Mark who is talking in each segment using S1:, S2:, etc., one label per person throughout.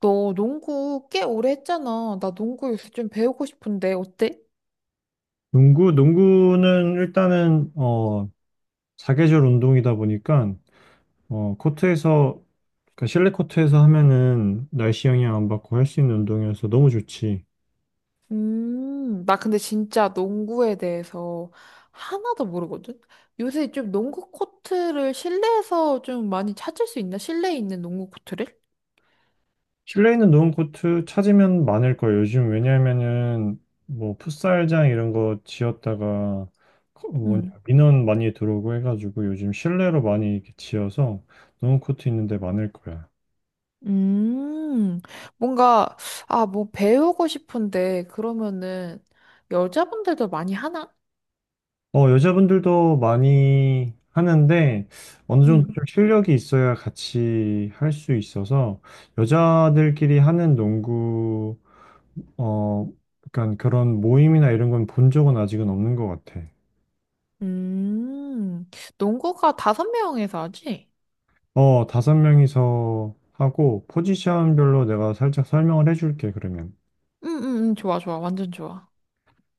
S1: 너 농구 꽤 오래 했잖아. 나 농구 요새 좀 배우고 싶은데, 어때?
S2: 농구는 일단은 사계절 운동이다 보니까 코트에서 그러니까 실내 코트에서 하면은 날씨 영향 안 받고 할 수 있는 운동이어서 너무 좋지.
S1: 나 근데 진짜 농구에 대해서 하나도 모르거든? 요새 좀 농구 코트를 실내에서 좀 많이 찾을 수 있나? 실내에 있는 농구 코트를?
S2: 실내에 있는 농구 코트 찾으면 많을 거예요. 요즘 왜냐면은 뭐 풋살장 이런 거 지었다가 뭐냐
S1: 음.
S2: 민원 많이 들어오고 해가지고 요즘 실내로 많이 이렇게 지어서 농구 코트 있는 데 많을 거야.
S1: 음, 뭔가, 아, 뭐 배우고 싶은데, 그러면은 여자분들도 많이 하나?
S2: 여자분들도 많이 하는데 어느 정도
S1: 음.
S2: 좀 실력이 있어야 같이 할 수 있어서 여자들끼리 하는 농구 어 약간 그런 모임이나 이런 건 본 적은 아직은 없는 것 같아.
S1: 음, 농구가 다섯 명에서 하지?
S2: 5명이서 하고 포지션별로 내가 살짝 설명을 해줄게 그러면.
S1: 응, 응, 응, 좋아, 좋아, 완전 좋아.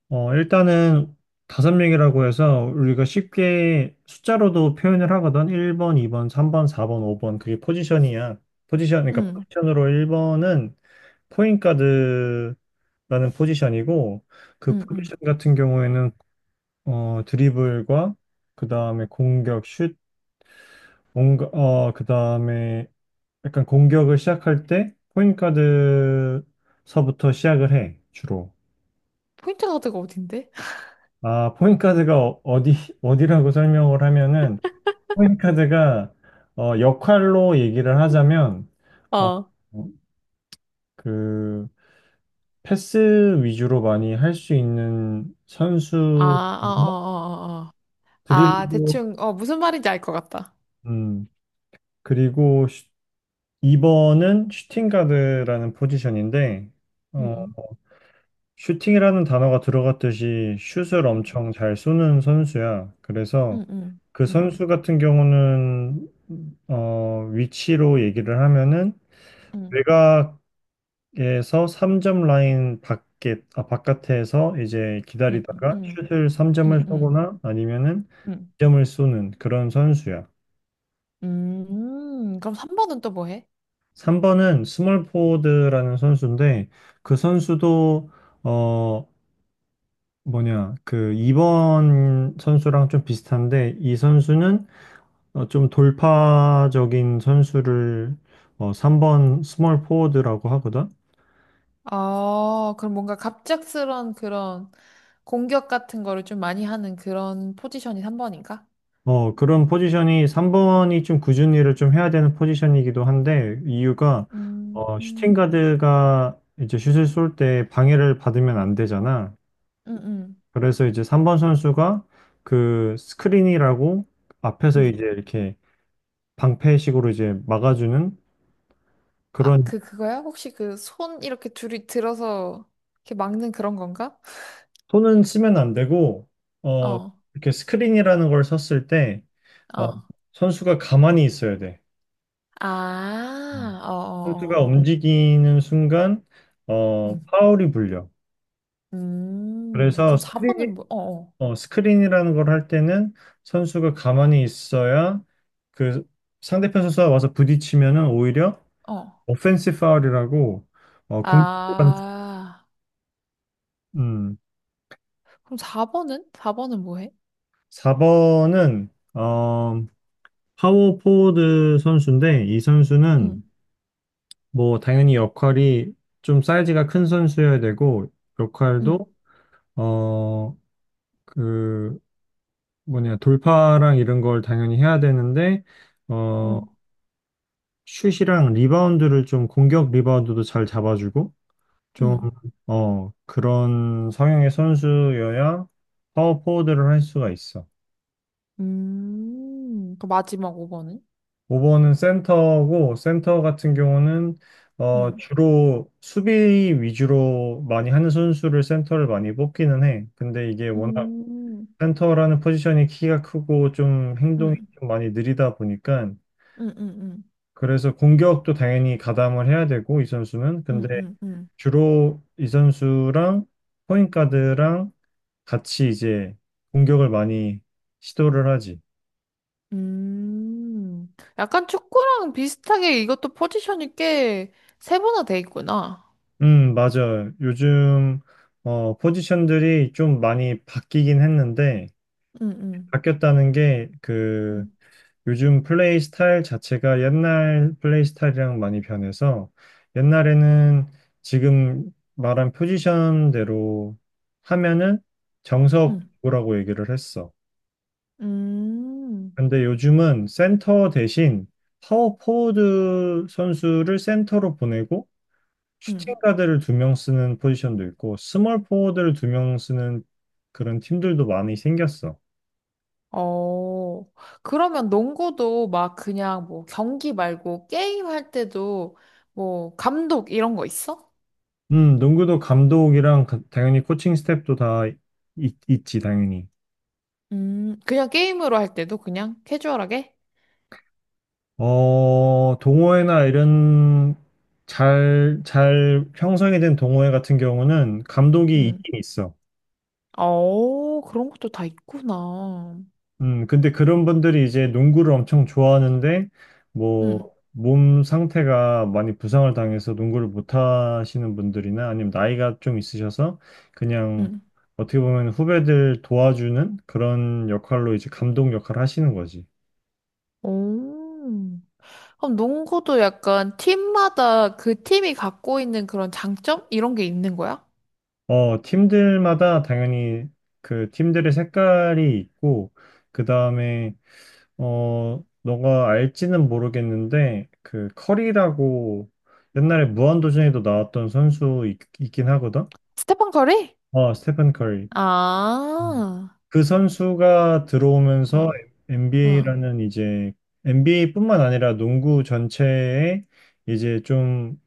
S2: 일단은 5명이라고 해서 우리가 쉽게 숫자로도 표현을 하거든. 1번, 2번, 3번, 4번, 5번. 그게 포지션이야. 포지션, 그러니까
S1: 응.
S2: 포지션으로 1번은 포인 가드라는 포지션이고 그
S1: 응, 응.
S2: 포지션 같은 경우에는 드리블과 그다음에 공격, 슛, 뭔가 그다음에 약간 공격을 시작할 때 포인 가드서부터 시작을 해, 주로.
S1: 포인트 카드가 어딘데?
S2: 아, 포인카드가 어디라고 설명을 하면은, 포인카드가, 역할로 얘기를 하자면, 어,
S1: 어.
S2: 그, 패스 위주로 많이 할 수 있는
S1: 아,
S2: 선수,
S1: 어, 어, 어, 어. 어. 아,
S2: 드리블,
S1: 대충, 어, 무슨 말인지 알 것 같다.
S2: 음, 그리고 2번은 슈팅가드라는 포지션인데, 어,
S1: 응,
S2: 슈팅이라는 단어가 들어갔듯이 슛을 엄청 잘 쏘는 선수야. 그래서
S1: 응, 응,
S2: 그
S1: 응,
S2: 선수 같은 경우는 위치로 얘기를 하면은
S1: 응,
S2: 외곽에서 3점 라인 밖에 아, 바깥에서 이제
S1: 응,
S2: 기다리다가
S1: 응,
S2: 슛을 3점을
S1: 응, 응,
S2: 쏘거나 아니면은
S1: 응.
S2: 2점을 쏘는 그런 선수야.
S1: 그럼 3번은 또 뭐 해?
S2: 3번은 스몰 포워드라는 선수인데 그 선수도 어, 뭐냐, 그 2번 선수랑 좀 비슷한데 이 선수는 좀 돌파적인 선수를 3번 스몰 포워드라고 하거든.
S1: 아, 그럼 뭔가 갑작스런 그런 공격 같은 거를 좀 많이 하는 그런 포지션이 3번인가?
S2: 그런 포지션이 3번이 좀 꾸준히를 좀 해야 되는 포지션이기도 한데 이유가
S1: 음,
S2: 슈팅
S1: 음,
S2: 가드가 이제 슛을 쏠 때 방해를 받으면 안 되잖아.
S1: 음, 음,
S2: 그래서 이제 3번 선수가 그 스크린이라고 앞에서
S1: 음.
S2: 이제 이렇게 방패식으로 이제 막아주는
S1: 아,
S2: 그런
S1: 그, 그거야? 혹시 그 손 이렇게 둘이 들어서 이렇게 막는 그런 건가?
S2: 손은 쓰면 안 되고, 어, 음.
S1: 어.
S2: 이렇게 스크린이라는 걸 썼을 때, 어,
S1: 어.
S2: 선수가 가만히 있어야 돼. 어.
S1: 아, 어, 어,
S2: 선수가
S1: 어, 어.
S2: 움직이는 순간,
S1: 음.
S2: 파울이 불려.
S1: 음.
S2: 그래서
S1: 그럼
S2: 스크린,
S1: 4번은 뭐, 어,
S2: 어, 스크린이라는 걸 할 때는 선수가 가만히 있어야 그 상대편 선수가 와서 부딪히면은 오히려
S1: 어, 어.
S2: 오펜시 파울이라고, 공,
S1: 아.
S2: 음,
S1: 그럼 4번은? 4번은 뭐 해?
S2: 4번은, 어, 파워 포워드 선수인데, 이 선수는
S1: 응,
S2: 뭐 당연히 역할이 좀 사이즈가 큰 선수여야 되고
S1: 응,
S2: 역할도 어 그 뭐냐 돌파랑 이런 걸 당연히 해야 되는데 어
S1: 응,
S2: 슛이랑 리바운드를 좀 공격 리바운드도 잘 잡아주고 좀
S1: 응.
S2: 그런 성향의 선수여야 파워 포워드를 할 수가 있어.
S1: 음. 그 마지막 5번은?
S2: 5번은 센터고 센터 같은 경우는
S1: 응,
S2: 주로 수비 위주로 많이 하는 선수를 센터를 많이 뽑기는 해. 근데 이게 워낙
S1: 음,
S2: 센터라는 포지션이 키가 크고 좀 행동이
S1: 응,
S2: 좀 많이 느리다 보니까
S1: 응, 응,
S2: 그래서 공격도 당연히 가담을 해야 되고 이 선수는 근데
S1: 응, 응, 응.
S2: 주로 이 선수랑 포인트가드랑 같이 이제 공격을 많이 시도를 하지.
S1: 음. 약간 축구랑 비슷하게 이것도 포지션이 꽤 세분화돼 있구나.
S2: 맞아요. 요즘, 포지션들이 좀 많이 바뀌긴 했는데,
S1: 응, 응,
S2: 바뀌었다는 게, 그,
S1: 응,
S2: 요즘 플레이 스타일 자체가 옛날 플레이 스타일이랑 많이 변해서, 옛날에는 지금 말한 포지션대로 하면은
S1: 응.
S2: 정석구라고 얘기를 했어.
S1: 음.
S2: 근데 요즘은 센터 대신 파워 포워드 선수를 센터로 보내고, 슈팅
S1: 음.
S2: 가드를 2명 쓰는 포지션도 있고 스몰 포워드를 2명 쓰는 그런 팀들도 많이 생겼어.
S1: 어, 그러면 농구도 막 그냥 뭐 경기 말고 게임 할 때도 뭐 감독 이런 거 있어?
S2: 농구도 감독이랑 당연히 코칭 스태프도 다 있지, 당연히.
S1: 그냥 게임으로 할 때도 그냥 캐주얼하게?
S2: 동호회나 이런 잘 형성이 된 동호회 같은 경우는 감독이
S1: 음.
S2: 있긴 있어.
S1: 어, 그런 것도 다 있구나.
S2: 근데 그런 분들이 이제 농구를 엄청 좋아하는데,
S1: 음,
S2: 뭐, 몸 상태가 많이 부상을 당해서 농구를 못 하시는 분들이나 아니면 나이가 좀 있으셔서 그냥
S1: 음.
S2: 어떻게 보면 후배들 도와주는 그런 역할로 이제 감독 역할을 하시는 거지.
S1: 오. 그럼 농구도 약간 팀마다 그 팀이 갖고 있는 그런 장점? 이런 게 있는 거야?
S2: 팀들마다 당연히 그 팀들의 색깔이 있고, 그 다음에 너가 알지는 모르겠는데, 그, 커리라고 옛날에 무한도전에도 나왔던 선수 있긴 하거든?
S1: 스테판 커리?
S2: 스테픈 커리. 음.
S1: 아,
S2: 그 선수가
S1: 어,
S2: 들어오면서
S1: 어.
S2: NBA라는 이제 NBA뿐만 아니라 농구 전체에 이제 좀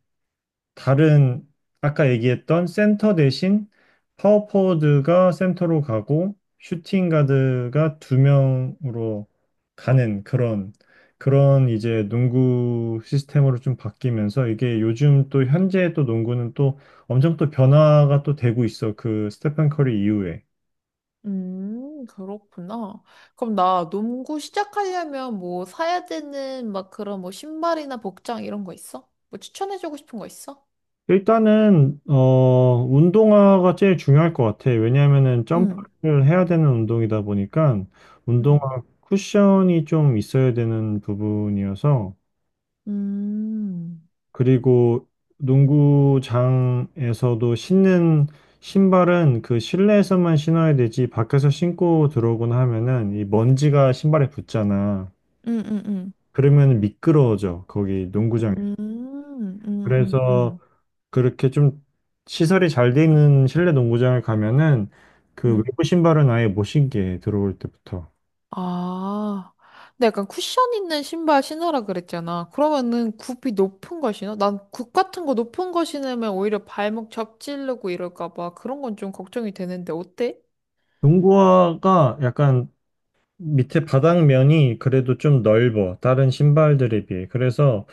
S2: 다른 아까 얘기했던 센터 대신 파워포워드가 센터로 가고 슈팅 가드가 2명으로 가는 그런 이제 농구 시스템으로 좀 바뀌면서 이게 요즘 또 현재 또 농구는 또 엄청 또 변화가 또 되고 있어. 그 스테판 커리 이후에.
S1: 그렇구나. 그럼 나 농구 시작하려면 뭐 사야 되는 막 그런 뭐 신발이나 복장 이런 거 있어? 뭐 추천해주고 싶은 거 있어?
S2: 일단은 운동화가 제일 중요할 것 같아. 왜냐하면은
S1: 응,
S2: 점프를 해야 되는 운동이다 보니까 운동화
S1: 응,
S2: 쿠션이 좀 있어야 되는 부분이어서
S1: 음,
S2: 그리고 농구장에서도 신는 신발은 그 실내에서만 신어야 되지 밖에서 신고 들어오거나 하면은 이 먼지가 신발에 붙잖아.
S1: 응, 응, 응,
S2: 그러면 미끄러워져 거기 농구장에서.
S1: 음, 음, 음,
S2: 그래서
S1: 음,
S2: 그렇게 좀 시설이 잘 돼 있는 실내 농구장을 가면은 그
S1: 음.
S2: 외부 신발은 아예 못 신게 해, 들어올 때부터.
S1: 아, 근데 약간 쿠션 있는 신발 신으라 그랬잖아. 그러면은 굽이 높은 걸 신어? 난 굽 같은 거 높은 거 신으면 오히려 발목 접질르고 이럴까 봐 그런 건 좀 걱정이 되는데 어때?
S2: 농구화가 약간 밑에 바닥면이 그래도 좀 넓어. 다른 신발들에 비해. 그래서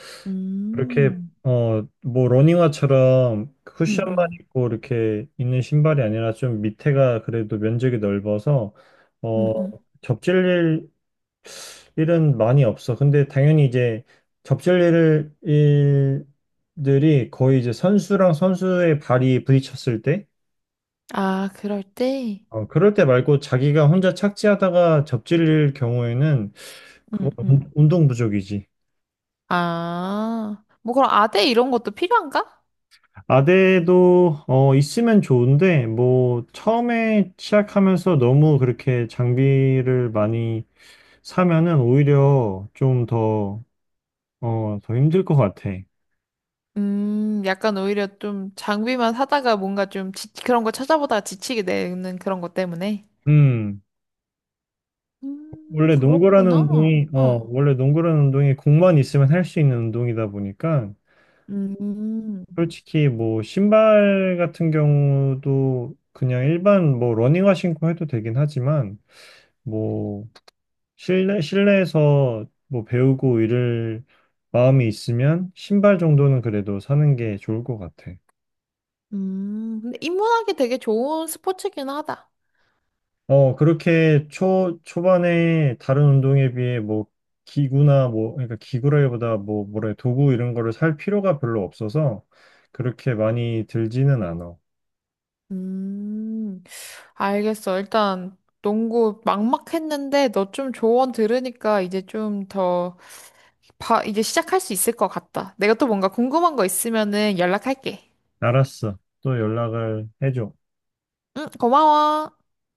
S2: 그렇게
S1: 음,
S2: 뭐 러닝화처럼
S1: 음,
S2: 쿠션만
S1: 음.
S2: 있고 이렇게 있는 신발이 아니라 좀 밑에가 그래도 면적이 넓어서
S1: 음,
S2: 어
S1: 음.
S2: 접질릴 일은 많이 없어. 근데 당연히 이제 접질 일, 일들이 거의 이제 선수랑 선수의 발이 부딪혔을 때,
S1: 아, 그럴 때?
S2: 그럴 때 말고 자기가 혼자 착지하다가 접질릴 경우에는
S1: 음,
S2: 그건
S1: 음.
S2: 운동 부족이지.
S1: 아, 뭐 그럼 아대 이런 것도 필요한가?
S2: 아대도 있으면 좋은데 뭐 처음에 시작하면서 너무 그렇게 장비를 많이 사면은 오히려 좀 더 힘들 것 같아.
S1: 약간 오히려 좀 장비만 사다가 뭔가 그런 거 찾아보다가 지치게 되는 그런 것 때문에.
S2: 음. 원래 농구라는
S1: 그렇구나.
S2: 운동이, 어,
S1: 어.
S2: 원래 농구라는 운동이 공만 있으면 할 수 있는 운동이다 보니까,
S1: 음,
S2: 솔직히 뭐, 신발 같은 경우도 그냥 일반 뭐, 러닝화 신고 해도 되긴 하지만, 뭐, 실내에서 뭐, 배우고 이럴 마음이 있으면, 신발 정도는 그래도 사는 게 좋을 것 같아.
S1: 근데 입문하기 되게 좋은 스포츠긴 하다.
S2: 그렇게 초반에 다른 운동에 비해 뭐 기구나 뭐, 그러니까 기구라기보다 뭐래, 도구 이런 거를 살 필요가 별로 없어서 그렇게 많이 들지는 않아.
S1: 음, 알겠어. 일단 농구 막막했는데 너 좀 조언 들으니까 이제 좀 더, 봐, 이제 시작할 수 있을 것 같다. 내가 또 뭔가 궁금한 거 있으면은 연락할게.
S2: 알았어. 또 연락을 해줘.
S1: 응, 고마워.